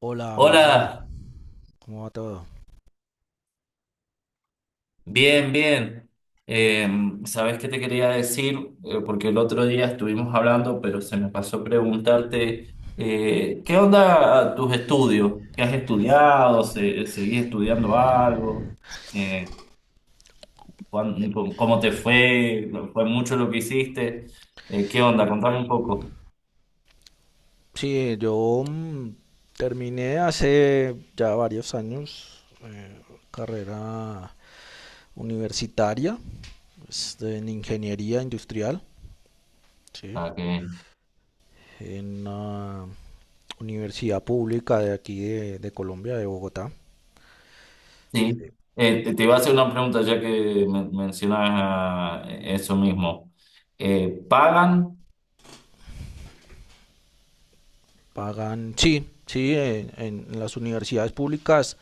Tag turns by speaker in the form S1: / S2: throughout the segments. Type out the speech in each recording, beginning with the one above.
S1: Hola, Mario,
S2: Hola,
S1: ¿cómo va todo?
S2: bien, bien. Eh, ¿Sabes qué te quería decir? Porque el otro día estuvimos hablando, pero se me pasó preguntarte, ¿qué onda tus estudios? ¿Qué has estudiado? ¿Seguís estudiando algo? Eh, ¿Cómo te fue? ¿No ¿Fue mucho lo que hiciste? ¿Qué onda? Contame un poco.
S1: Sí, yo terminé hace ya varios años, carrera universitaria en ingeniería industrial, sí,
S2: Ah, qué bien.
S1: en una universidad pública de aquí de Colombia, de Bogotá.
S2: Sí.
S1: Sí.
S2: Te iba a hacer una pregunta ya que mencionabas eso mismo. ¿Pagan?
S1: Pagan, sí, sí, en las universidades públicas.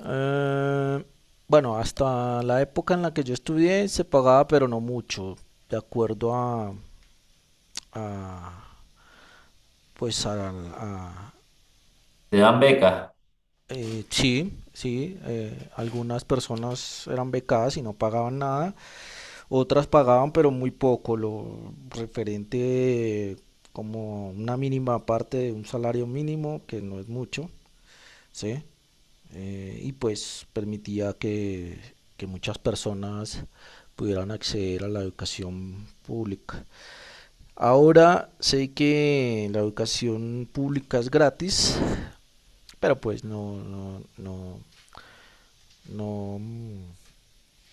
S1: eh, bueno, hasta la época en la que yo estudié se pagaba, pero no mucho, de acuerdo a, a- pues a, a-
S2: Te dan becas.
S1: sí, sí, algunas personas eran becadas y no pagaban nada, otras pagaban pero muy poco, lo referente, como una mínima parte de un salario mínimo, que no es mucho, ¿sí? Y pues permitía que muchas personas pudieran acceder a la educación pública. Ahora sé que la educación pública es gratis, pero pues no,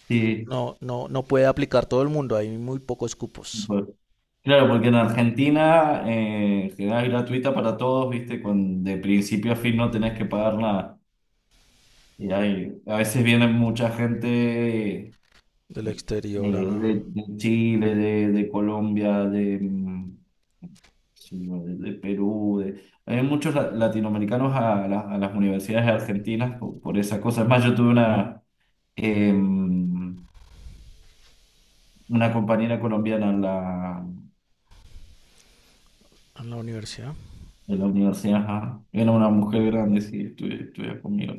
S2: Sí,
S1: no puede aplicar todo el mundo. Hay muy pocos cupos
S2: por- claro, porque en Argentina, en general es gratuita para todos, ¿viste? Con, de principio a fin no tenés que pagar nada. Y hay, a veces viene mucha gente,
S1: del exterior
S2: de Chile, de Colombia, de, sí, no, de Perú. Hay muchos latinoamericanos a las universidades argentinas por esa cosa. Es más, yo tuve em, una compañera colombiana en la
S1: a la universidad.
S2: de la universidad, ajá. Era una mujer grande, sí, estudia conmigo.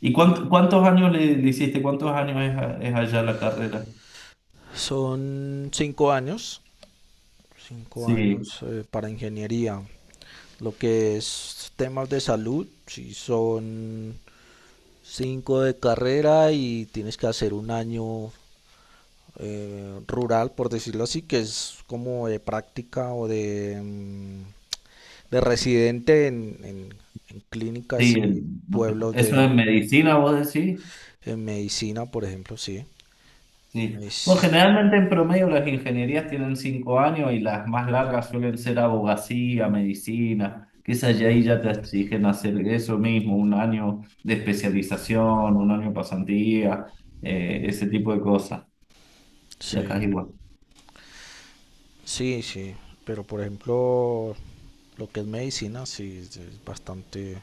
S2: ¿Y cuántos años le hiciste? ¿Cuántos años es allá la carrera?
S1: Son 5 años, 5 años,
S2: Sí,
S1: para ingeniería. Lo que es temas de salud, si son cinco de carrera y tienes que hacer un año rural, por decirlo así, que es como de práctica o de residente en
S2: sí,
S1: clínicas y
S2: no,
S1: pueblos
S2: eso es
S1: de,
S2: medicina, vos decís.
S1: en medicina, por ejemplo, sí.
S2: Sí. Bueno,
S1: Medic-
S2: generalmente en promedio las ingenierías tienen 5 años y las más largas suelen ser abogacía, medicina, que es allá ahí ya te exigen hacer eso mismo, un año de especialización, un año de pasantía, ese tipo de cosas. De
S1: Sí.
S2: acá es igual.
S1: Sí, sí, pero por ejemplo, lo que es medicina, sí, es bastante,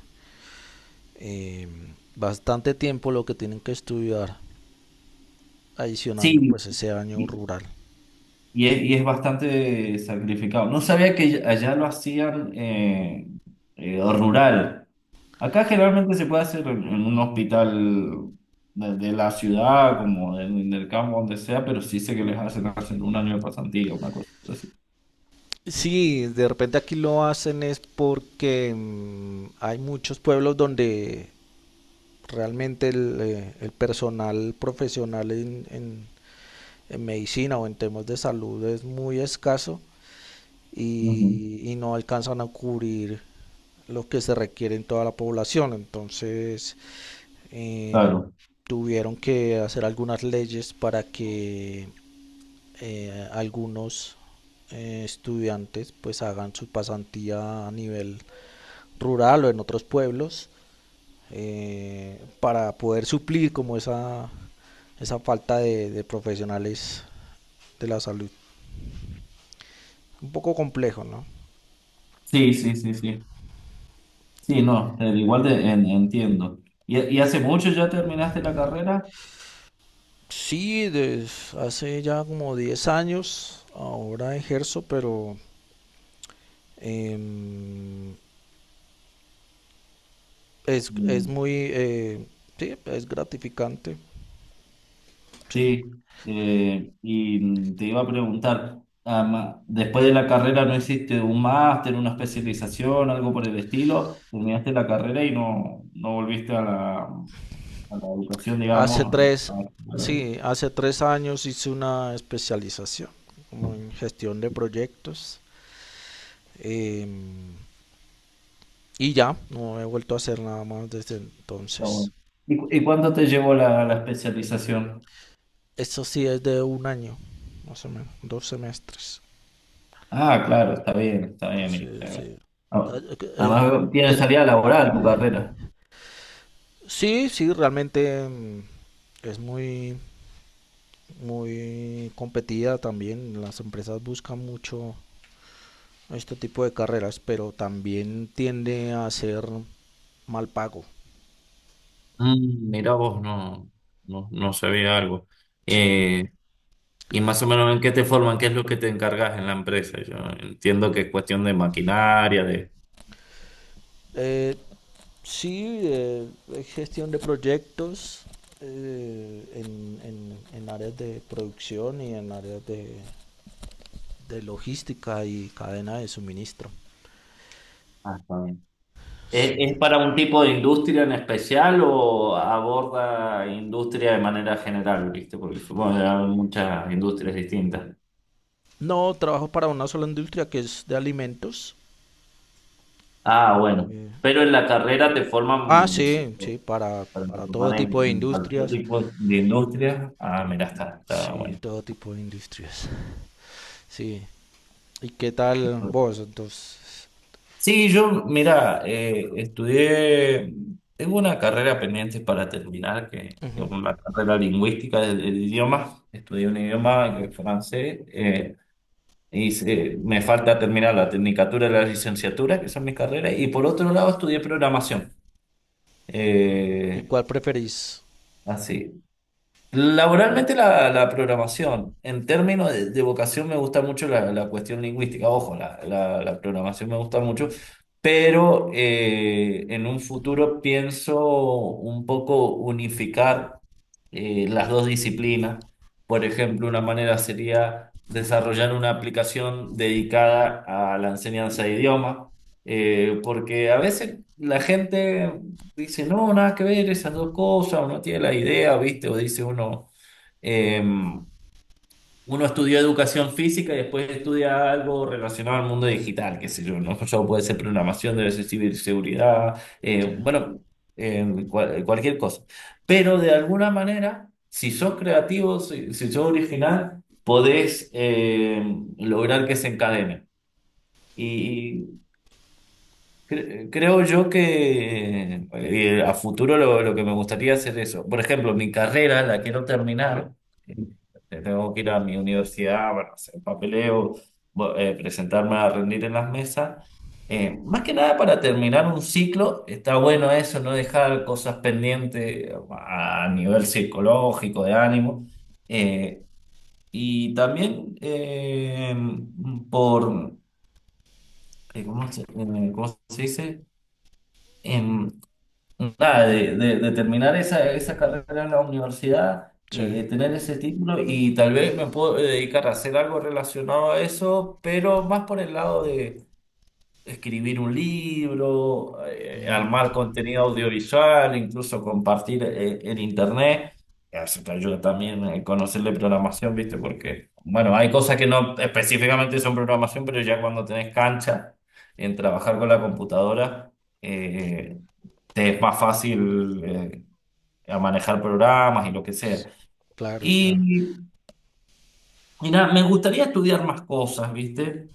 S1: eh, bastante tiempo lo que tienen que estudiar, adicionando
S2: Sí.
S1: pues ese año rural.
S2: Y es bastante sacrificado. No sabía que allá lo hacían rural. Acá generalmente se puede hacer en un hospital de la ciudad, como en el campo, donde sea, pero sí sé que les hacen hacer un año de pasantía, una cosa así.
S1: Sí, de repente aquí lo hacen es porque hay muchos pueblos donde realmente el personal profesional en medicina o en temas de salud es muy escaso,
S2: Ujú.
S1: y no alcanzan a cubrir lo que se requiere en toda la población. Entonces, eh,
S2: Claro.
S1: tuvieron que hacer algunas leyes para que algunos estudiantes pues hagan su pasantía a nivel rural o en otros pueblos, para poder suplir como esa falta de profesionales de la salud. Un poco complejo, ¿no?
S2: Sí, sí, sí, sí. Sí, no, igual te entiendo. ¿Y hace mucho ya terminaste la carrera?
S1: Sí, desde hace ya como 10 años ahora ejerzo, pero em, es muy, sí, es gratificante, sí.
S2: Sí, te iba a preguntar, después de la carrera no hiciste un máster, una especialización, algo por el estilo, terminaste la carrera y no volviste a la educación,
S1: Hace
S2: digamos.
S1: tres,
S2: Está
S1: sí, hace 3 años hice una especialización como en gestión de proyectos, em, y ya, no he vuelto a hacer nada más desde entonces.
S2: bueno. ¿Y cuánto te llevó la especialización?
S1: Eso sí es de un año, más o menos, 2 semestres.
S2: Ah, claro, está bien, está bien.
S1: Sí, sí.
S2: Ah,
S1: Ah, eh,
S2: Además, tiene
S1: ¿qué-
S2: salida laboral tu carrera.
S1: sí, sí, realmente, es muy, muy competida también. Las empresas buscan mucho este tipo de carreras, pero también tiende a ser mal pago.
S2: Mm, mira vos, no, no sabía algo.
S1: Sí.
S2: Y más o menos en qué te forman, qué es lo que te encargas en la empresa. Yo entiendo que es cuestión de maquinaria, de.
S1: Eh, sí, es gestión de proyectos en áreas de producción y en áreas de logística y cadena de suministro.
S2: Ah, está bien. ¿Es,
S1: Sí.
S2: es para un tipo de industria en especial o aborda industria de manera general, viste? Porque supongo que hay muchas industrias distintas.
S1: No, trabajo para una sola industria que es de alimentos.
S2: Ah, bueno.
S1: Eh,
S2: Pero en la carrera te
S1: Ah,
S2: forman, sí,
S1: sí, sí,
S2: para
S1: para todo
S2: formar en
S1: tipo de
S2: en cualquier
S1: industrias.
S2: tipo de industria. Ah, mira, está
S1: Sí,
S2: bueno.
S1: todo tipo de industrias. Sí. ¿Y qué tal vos? Entonces,
S2: Sí, yo, mira, tengo una carrera pendiente para terminar, que
S1: ujú.
S2: es una carrera lingüística del idioma. Estudié un idioma, francés, y me falta terminar la tecnicatura y la licenciatura, que son mis carreras, y por otro lado estudié programación.
S1: ¿Y
S2: Eh,
S1: cuál preferís?
S2: así, Laboralmente la programación, en términos de vocación me gusta mucho la cuestión lingüística, ojo, la programación me gusta mucho, pero en un futuro pienso un poco unificar, las dos disciplinas. Por ejemplo, una manera sería desarrollar una aplicación dedicada a la enseñanza de idiomas, porque a veces la gente dice, no, nada que ver esas dos cosas, uno tiene la idea, ¿viste? O dice uno, em, uno estudió educación física y después estudia algo relacionado al mundo digital, qué sé yo, ¿no? Yo puede ser programación, debe ser ciberseguridad,
S1: Sí,
S2: bueno, cualquier cosa. Pero de alguna manera, si sos creativo, si sos original, podés, lograr que se encadene. Creo yo que, a futuro lo que me gustaría hacer eso. Por ejemplo, mi carrera la quiero terminar. Tengo que ir a mi universidad, bueno, hacer papeleo, presentarme a rendir en las mesas. Más que nada para terminar un ciclo, está bueno eso, no dejar cosas pendientes a nivel psicológico, de ánimo. Eh, y también, por, ¿cómo se dice? Em, Nada, de terminar esa carrera en la universidad,
S1: sí.
S2: tener ese título y tal vez me puedo dedicar a hacer algo relacionado a eso, pero más por el lado de escribir un libro,
S1: Mm,
S2: armar contenido audiovisual, incluso compartir, en internet. Eso te ayuda también a conocer de programación, ¿viste? Porque, bueno, hay cosas que no específicamente son programación, pero ya cuando tenés cancha en trabajar con la computadora. eh, Te es más fácil, a manejar programas y lo que sea.
S1: s- claro, claro.
S2: Y, y nada, me gustaría estudiar más cosas, ¿viste?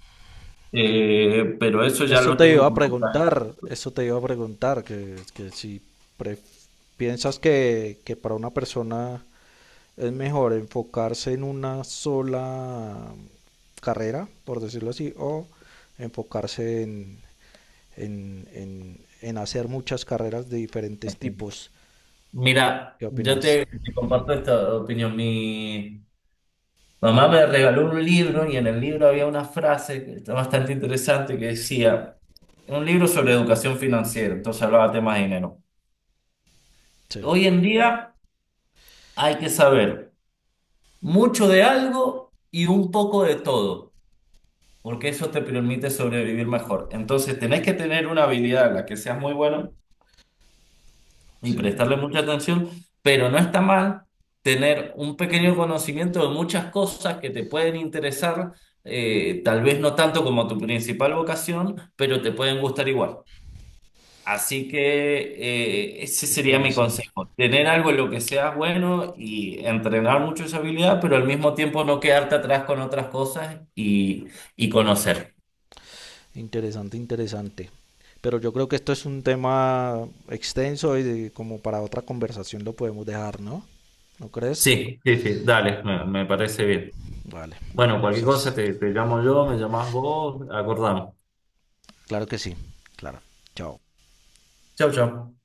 S2: Pero eso ya
S1: Eso
S2: lo
S1: te
S2: tengo
S1: iba a
S2: como plan.
S1: preguntar, eso te iba a preguntar, que si pre- piensas que para una persona es mejor enfocarse en una sola carrera, por decirlo así, o enfocarse en hacer muchas carreras de diferentes tipos.
S2: Mira,
S1: ¿Qué
S2: yo
S1: opinas?
S2: te comparto esta opinión. Mi mamá me regaló un libro y en el libro había una frase que está bastante interesante que decía, un libro sobre educación financiera, entonces hablaba temas de dinero.
S1: Sí,
S2: Hoy en día hay que saber mucho de algo y un poco de todo. Porque eso te permite sobrevivir mejor. Entonces, tenés que tener una habilidad en la que seas muy bueno y
S1: sí.
S2: prestarle mucha atención, pero no está mal tener un pequeño conocimiento de muchas cosas que te pueden interesar, tal vez no tanto como tu principal vocación, pero te pueden gustar igual. Así que, ese sería mi
S1: Interesante,
S2: consejo, tener algo en lo que seas bueno y entrenar mucho esa habilidad, pero al mismo tiempo no quedarte atrás con otras cosas y conocer.
S1: interesante, interesante. Pero yo creo que esto es un tema extenso y como para otra conversación lo podemos dejar, ¿no? ¿No crees?
S2: Sí, sí, sí, dale, me parece bien.
S1: Vale.
S2: Bueno, cualquier cosa
S1: Entonces,
S2: te llamo yo, me llamás vos, acordamos.
S1: claro que sí. Claro. Chao.
S2: Chau, chau.